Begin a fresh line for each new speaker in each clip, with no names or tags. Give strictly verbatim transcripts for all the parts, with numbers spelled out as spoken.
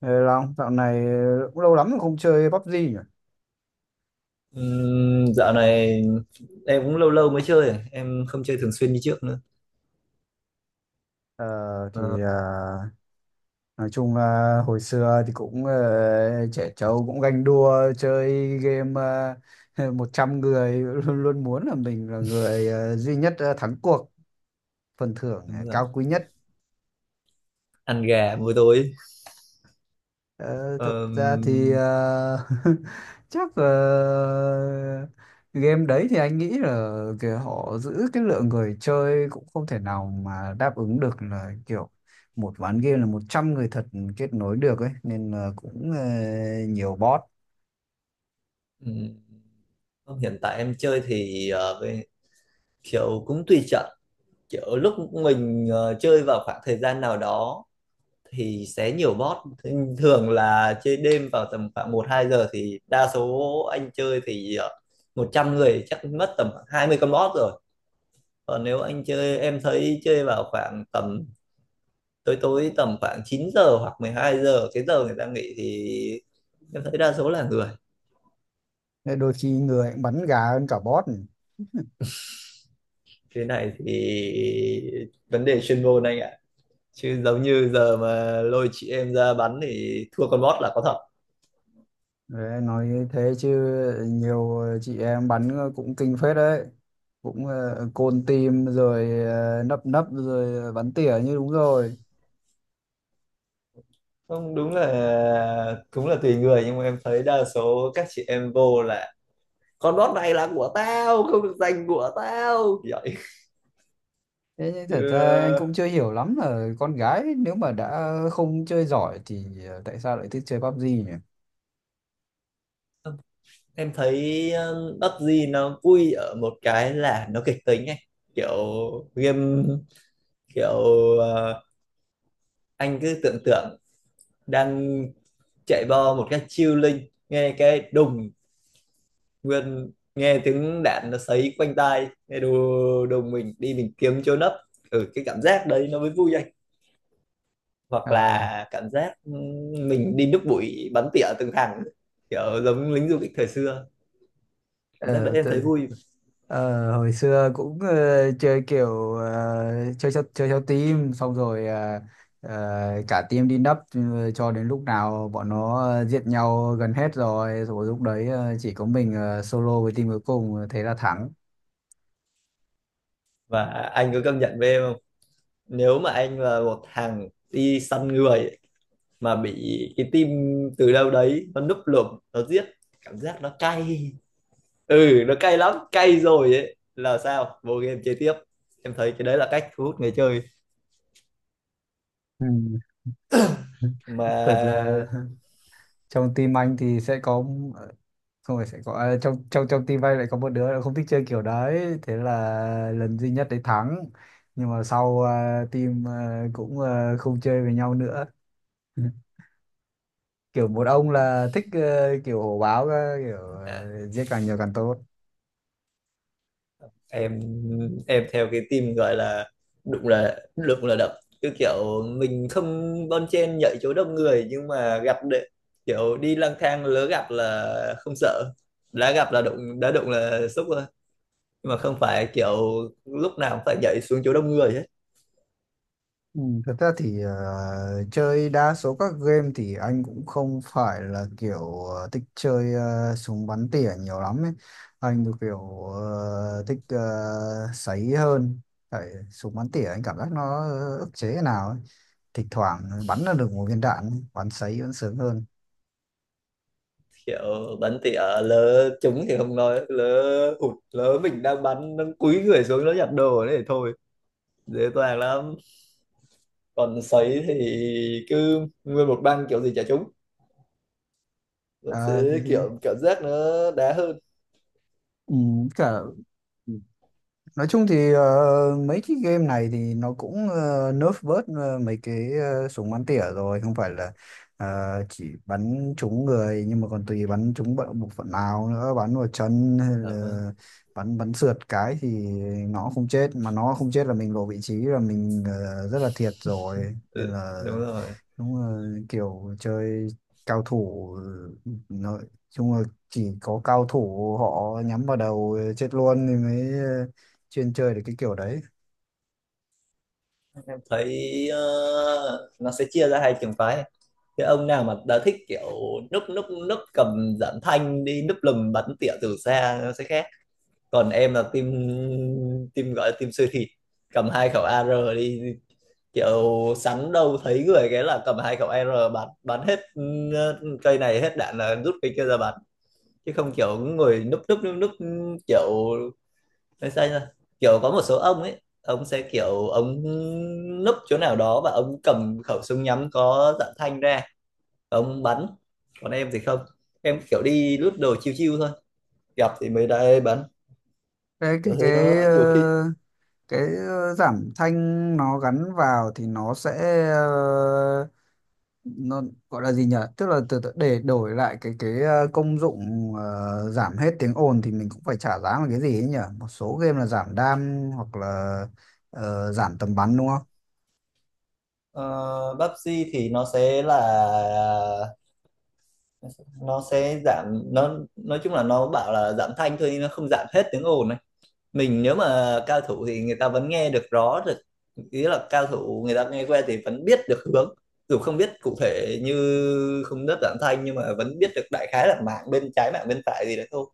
Ê Long, dạo này cũng lâu lắm rồi không chơi pu bê gê nhỉ?
Ừm, dạo này em cũng lâu lâu mới chơi, em không chơi thường xuyên như trước nữa.
Ờ,
Ờ,
thì à, nói chung là hồi xưa thì cũng ờ, trẻ trâu cũng ganh đua chơi game uh, một trăm người luôn, luôn muốn là mình là người ờ, duy nhất ờ, thắng cuộc, phần thưởng ờ,
đúng rồi.
cao quý nhất.
Ăn gà buổi tối.
Ờ, Thật ra thì
Ờm,
ờ, chắc là game đấy thì anh nghĩ là kiểu họ giữ cái lượng người chơi cũng không thể nào mà đáp ứng được là kiểu một ván game là một trăm người thật kết nối được ấy, nên là cũng ờ, nhiều bot.
ừm, Không, hiện tại em chơi thì ờ, với- kiểu cũng tùy trận, kiểu lúc mình ờ, chơi vào khoảng thời gian nào đó thì sẽ nhiều bot. Thế thường là chơi đêm vào tầm khoảng một hai giờ thì đa số anh chơi thì ờ, một trăm người chắc mất tầm khoảng hai mươi con bot rồi. Còn nếu anh chơi, em thấy chơi vào khoảng tầm tối tối tầm khoảng chín giờ hoặc mười hai giờ, cái giờ người ta nghỉ thì em thấy đa số là người.
Nên đôi khi người cũng bắn gà hơn cả bot.
Cái này thì vấn đề chuyên môn anh ạ, chứ giống như giờ mà lôi chị em ra bắn thì thua con bot là có thật.
Đấy, nói như thế chứ nhiều chị em bắn cũng kinh phết đấy, cũng ờ, côn team rồi ờ, nấp nấp rồi bắn tỉa như đúng rồi.
Không, đúng là cũng là tùy người nhưng mà em thấy đa số các chị em vô là con bot này là của tao, không được giành của tao vậy
Thế nhưng
chứ.
thật ra anh cũng chưa hiểu lắm là con gái nếu mà đã không chơi giỏi thì ờ, tại sao lại thích chơi pi bi gi nhỉ?
Em thấy um, pắp gi nó vui ở một cái là nó kịch tính ấy. Kiểu game, kiểu ờ, anh cứ tưởng tượng đang chạy bo một cách chiêu linh, nghe cái đùng, nguyên nghe tiếng đạn nó sấy quanh tai, nghe đù đùng mình đi mình kiếm chỗ nấp. Ừ, cái cảm giác đấy nó mới vui anh. Hoặc
À,
là cảm giác ừm, mình đi núp bụi bắn tỉa từng hàng, kiểu giống lính du kích thời xưa. Cảm giác đấy
ờ,
em thấy
tự,
vui.
ờ, Hồi xưa cũng ờ, chơi kiểu ờ, chơi theo, chơi theo team, xong rồi ờ, ờ, cả team đi nấp, ờ, cho đến lúc nào bọn nó ờ, giết nhau gần hết rồi, rồi lúc đấy ờ, chỉ có mình ờ, solo với team cuối cùng thế là thắng.
Và anh có công nhận với em không, nếu mà anh là một thằng đi săn người mà bị cái team từ đâu đấy nó núp lùm nó giết, cảm giác nó cay. Ừ, nó cay lắm, cay rồi ấy là sao vô game chơi tiếp. Em thấy cái đấy là cách thu hút người chơi
Ừ. Thật
mà.
là trong team anh thì sẽ có, xong rồi sẽ có à, trong trong trong team bay lại có một đứa là không thích chơi kiểu đấy, thế là lần duy nhất đấy thắng, nhưng mà sau ờ, team ờ, cũng ờ, không chơi với nhau nữa. Kiểu một ông là thích ờ, kiểu hổ báo cơ, kiểu
à,
ờ, giết càng nhiều càng tốt.
em em theo cái team gọi là đụng là đụng là đập, cứ kiểu mình không bon chen nhảy chỗ đông người nhưng mà gặp đệ, kiểu đi lang thang lỡ gặp là không sợ, đã gặp là đụng, đã đụng là xúc rồi. Nhưng mà không phải kiểu lúc nào cũng phải nhảy xuống chỗ đông người
Ừ, thật ra thì ờ, chơi đa số các game thì anh cũng không phải là kiểu ờ, thích chơi ờ, súng bắn tỉa nhiều lắm ấy. Anh thì kiểu ờ, thích ờ, sấy hơn. Tại súng bắn tỉa anh cảm giác nó ức chế thế nào ấy. Thỉnh thoảng bắn là được một viên đạn, bắn sấy vẫn sướng hơn.
kiểu. Bắn tỉa lỡ trúng thì không nói, lỡ hụt, lỡ mình đang bắn nó cúi người xuống nó nhặt đồ đấy thì thôi, dễ dàng lắm. Còn sấy thì cứ nguyên một băng kiểu gì chả trúng, nó
Ờ, thì,
sẽ
thì,
kiểu cảm giác nó đá hơn.
ừ, cả Nói chung thì ờ, mấy cái game này thì nó cũng ờ, nerf bớt ờ, mấy cái ờ, súng bắn tỉa rồi, không phải là ờ, chỉ bắn trúng người, nhưng mà còn tùy bắn trúng bộ bộ phận nào nữa, bắn vào chân hay
Dạ vâng.
là bắn bắn sượt cái thì nó không chết, mà nó không chết là mình lộ vị trí là mình ờ, rất là thiệt rồi, nên
Ừ,
là
đúng rồi.
đúng là kiểu chơi cao thủ, nói chung là chỉ có cao thủ họ nhắm vào đầu chết luôn thì mới ờ, chuyên chơi được cái kiểu đấy.
Em thấy ờ, nó sẽ chia ra hai trường phái. Cái ông nào mà đã thích kiểu núp núp núp cầm giảm thanh đi núp lùm bắn tỉa từ xa nó sẽ khác. Còn em là team, team gọi là team siêu thịt, cầm hai khẩu a rờ đi, kiểu sắn đâu thấy người cái là cầm hai khẩu a rờ bắn bắn hết. Ừ, cây này hết đạn là rút cây kia ra bắn, chứ không kiểu người núp núp núp núp. Kiểu nói sao nhỉ? Kiểu có một số ông ấy ông sẽ kiểu ông núp chỗ nào đó và ông cầm khẩu súng nhắm có dạng thanh ra ông bắn. Còn em thì không, em kiểu đi lướt đồ chiêu chiêu thôi, gặp thì mới đây bắn,
cái cái
kiểu thế
cái
nó
ờ,
nhiều khi.
cái ờ, giảm thanh nó gắn vào thì nó sẽ ờ, nó gọi là gì nhỉ, tức là từ, từ để đổi lại cái cái ờ, công dụng ờ, giảm hết tiếng ồn thì mình cũng phải trả giá một cái gì ấy nhỉ, một số game là giảm đam hoặc là ờ, giảm tầm bắn đúng không.
Ờ, Pepsi thì nó sẽ là ờ, nó sẽ giảm, nó nói chung là nó bảo là giảm thanh thôi nhưng nó không giảm hết tiếng ồn này. Mình nếu mà cao thủ thì người ta vẫn nghe được rõ được, ý là cao thủ người ta nghe que thì vẫn biết được hướng, dù không biết cụ thể như không đất giảm thanh nhưng mà vẫn biết được đại khái là mạng bên trái mạng bên phải gì đấy thôi.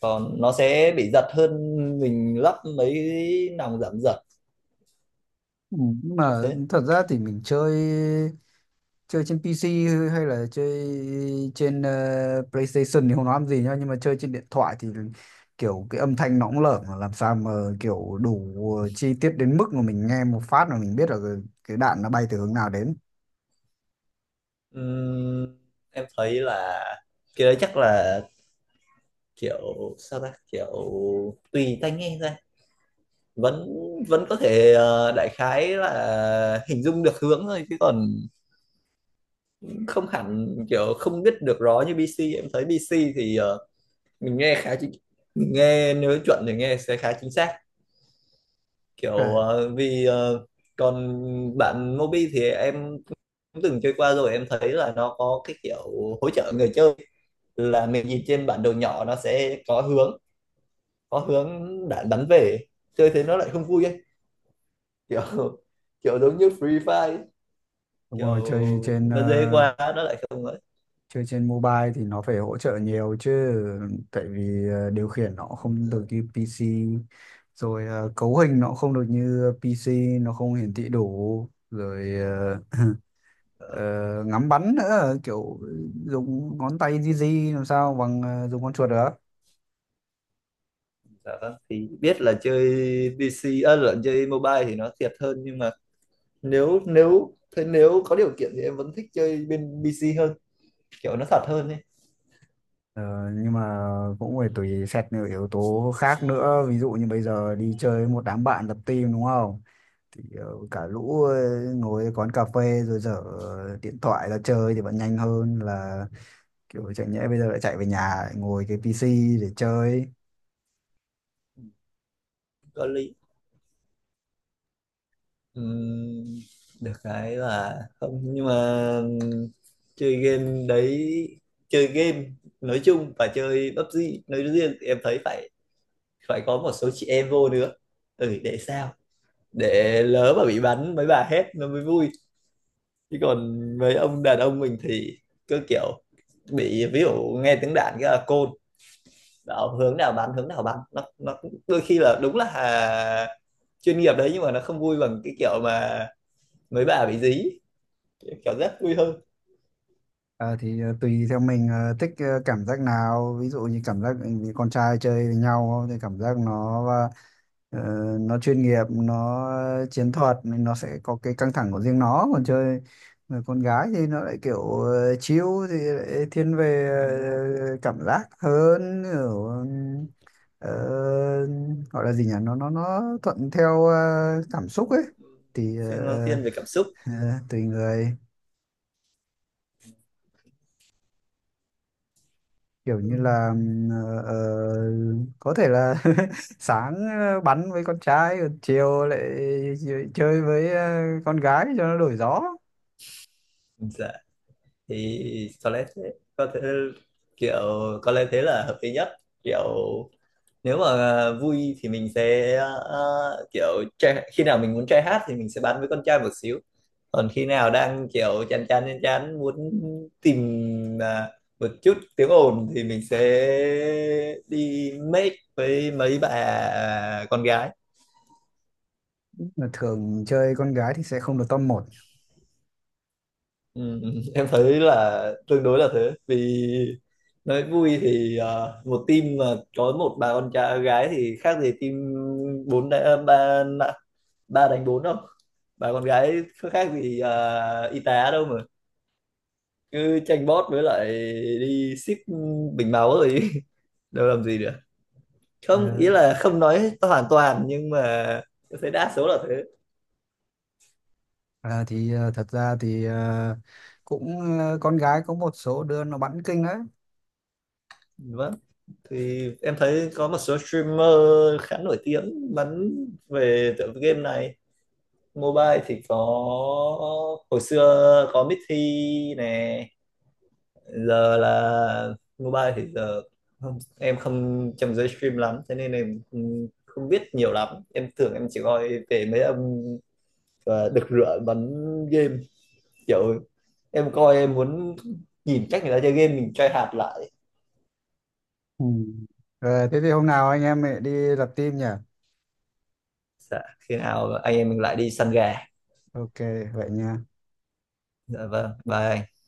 Còn nó sẽ bị giật hơn, mình lắp mấy nòng giảm giật
Ừ, nhưng
kiểu
mà
thế.
thật ra thì mình chơi chơi trên pê xê hay là chơi trên ờ, PlayStation thì không nói làm gì nhá, nhưng mà chơi trên điện thoại thì kiểu cái âm thanh nó cũng lởm mà làm sao mà kiểu đủ chi tiết đến mức mà mình nghe một phát mà mình biết là cái cái đạn nó bay từ hướng nào đến.
Ừm, em thấy là cái đấy chắc là kiểu sao ta, kiểu tùy tai nghe ra vẫn vẫn có thể ờ, đại khái là hình dung được hướng thôi, chứ còn không hẳn kiểu không biết được rõ như bê xê. Em thấy bê xê thì ờ, mình nghe khá chính, mình nghe nếu chuẩn thì nghe sẽ khá chính xác,
Ờ,
kiểu ờ, vì ờ, còn bạn Mobi thì em cũng từng chơi qua rồi, em thấy là nó có cái kiểu hỗ trợ người chơi, là mình nhìn trên bản đồ nhỏ nó sẽ có hướng, có hướng đã đánh về. Chơi thế nó lại không vui ấy, kiểu kiểu giống như Free Fire ấy.
đúng
Kiểu
rồi, chơi trên
nó dễ
ờ,
quá nó lại không ấy.
chơi trên mobile thì nó phải hỗ trợ nhiều chứ, tại vì ờ, điều khiển nó không được như pê xê, rồi ờ, cấu hình nó không được như pê xê, nó không hiển thị đủ, rồi ờ, ờ,
Ờ,
ngắm bắn nữa, kiểu dùng ngón tay di di làm sao bằng ờ, dùng con chuột được.
dạ vâng thì biết là chơi pi xi à, là chơi mobile thì nó thiệt hơn, nhưng mà nếu nếu thế, nếu có điều kiện thì em vẫn thích chơi bên pi xi hơn, kiểu nó thật hơn ấy.
Ờ, nhưng mà cũng phải tùy xét nhiều yếu tố khác nữa, ví dụ như bây giờ đi chơi với một đám bạn lập team đúng không, thì ờ, cả lũ ờ, ngồi quán cà phê rồi dở điện thoại ra chơi thì vẫn nhanh hơn là kiểu chẳng nhẽ bây giờ lại chạy về nhà lại ngồi cái pê xê để chơi.
Có lý. Ừm, được cái là không nhưng mà chơi game đấy, chơi game nói chung và chơi pắp gi nói riêng thì em thấy phải phải có một số chị em vô nữa. Ừ, để sao, để lỡ mà bị bắn mấy bà hét nó mới vui, chứ còn mấy ông đàn ông mình thì cứ kiểu bị ví dụ nghe tiếng đạn cái là côn bảo hướng nào bắn hướng nào bắn, nó nó cũng- đôi khi là đúng là à, chuyên nghiệp đấy, nhưng mà nó không vui bằng cái kiểu mà mấy bà bị dí kiểu rất vui hơn.
Ờ, thì ờ, tùy theo mình ờ, thích ờ, cảm giác nào, ví dụ như cảm giác vì con trai chơi với nhau thì cảm giác nó ờ, nó chuyên nghiệp, nó chiến thuật nên nó sẽ có cái căng thẳng của riêng nó, còn chơi người con gái thì nó lại kiểu uh, chill, thì lại thiên về
nó
ờ, cảm giác hơn, kiểu ờ, gọi là gì nhỉ, nó nó nó thuận theo ờ, cảm xúc ấy, thì
thiên nó
ờ,
thiên về cảm xúc.
ờ, tùy người, kiểu như là ờ, ờ, có thể là sáng ờ, bắn với con trai, còn chiều lại chơi với ờ, con gái cho nó đổi gió.
Dạ thì có lẽ thế, có thể kiểu có lẽ thế là hợp lý nhất. Kiểu nếu mà ờ, vui thì mình sẽ ờ, kiểu trai, khi nào mình muốn trai hát thì mình sẽ bắn với con trai một xíu. Còn khi nào đang kiểu chán chán chán chán muốn tìm à, một chút tiếng ồn thì mình sẽ đi make với mấy bà con gái.
Mà thường chơi con gái thì sẽ không được top một.
Ừ, em thấy là tương đối là thế, vì nói vui thì ờ, một team mà có một bà con trai gái thì khác gì team bốn đa- ba, ba đánh bốn đâu. Bà con gái có khác gì à, y tá đâu, mà cứ tranh bót với lại đi ship bình máu rồi đâu làm gì được.
Ờ,
Không ý là không nói hoàn toàn nhưng mà tôi thấy đa số là thế.
à, thì ờ, Thật ra thì ờ, cũng ờ, con gái có một số đứa nó bắn kinh đấy.
Vâng thì em thấy có một số streamer khá nổi tiếng bắn về tựa game này, mobile thì có hồi xưa có Mithy nè. Giờ là mobile thì giờ không, em không trong giới stream lắm thế nên em không, không biết nhiều lắm. Em thường em chỉ coi về mấy ông ờ, đực rửa bắn game, kiểu em coi em muốn nhìn cách người ta chơi game mình try hạt lại.
Ừ. Rồi thế thì hôm nào anh em mình đi lập team nhỉ,
Dạ, khi nào anh em mình lại đi săn gà.
ok vậy nha.
Dạ vâng, bye anh.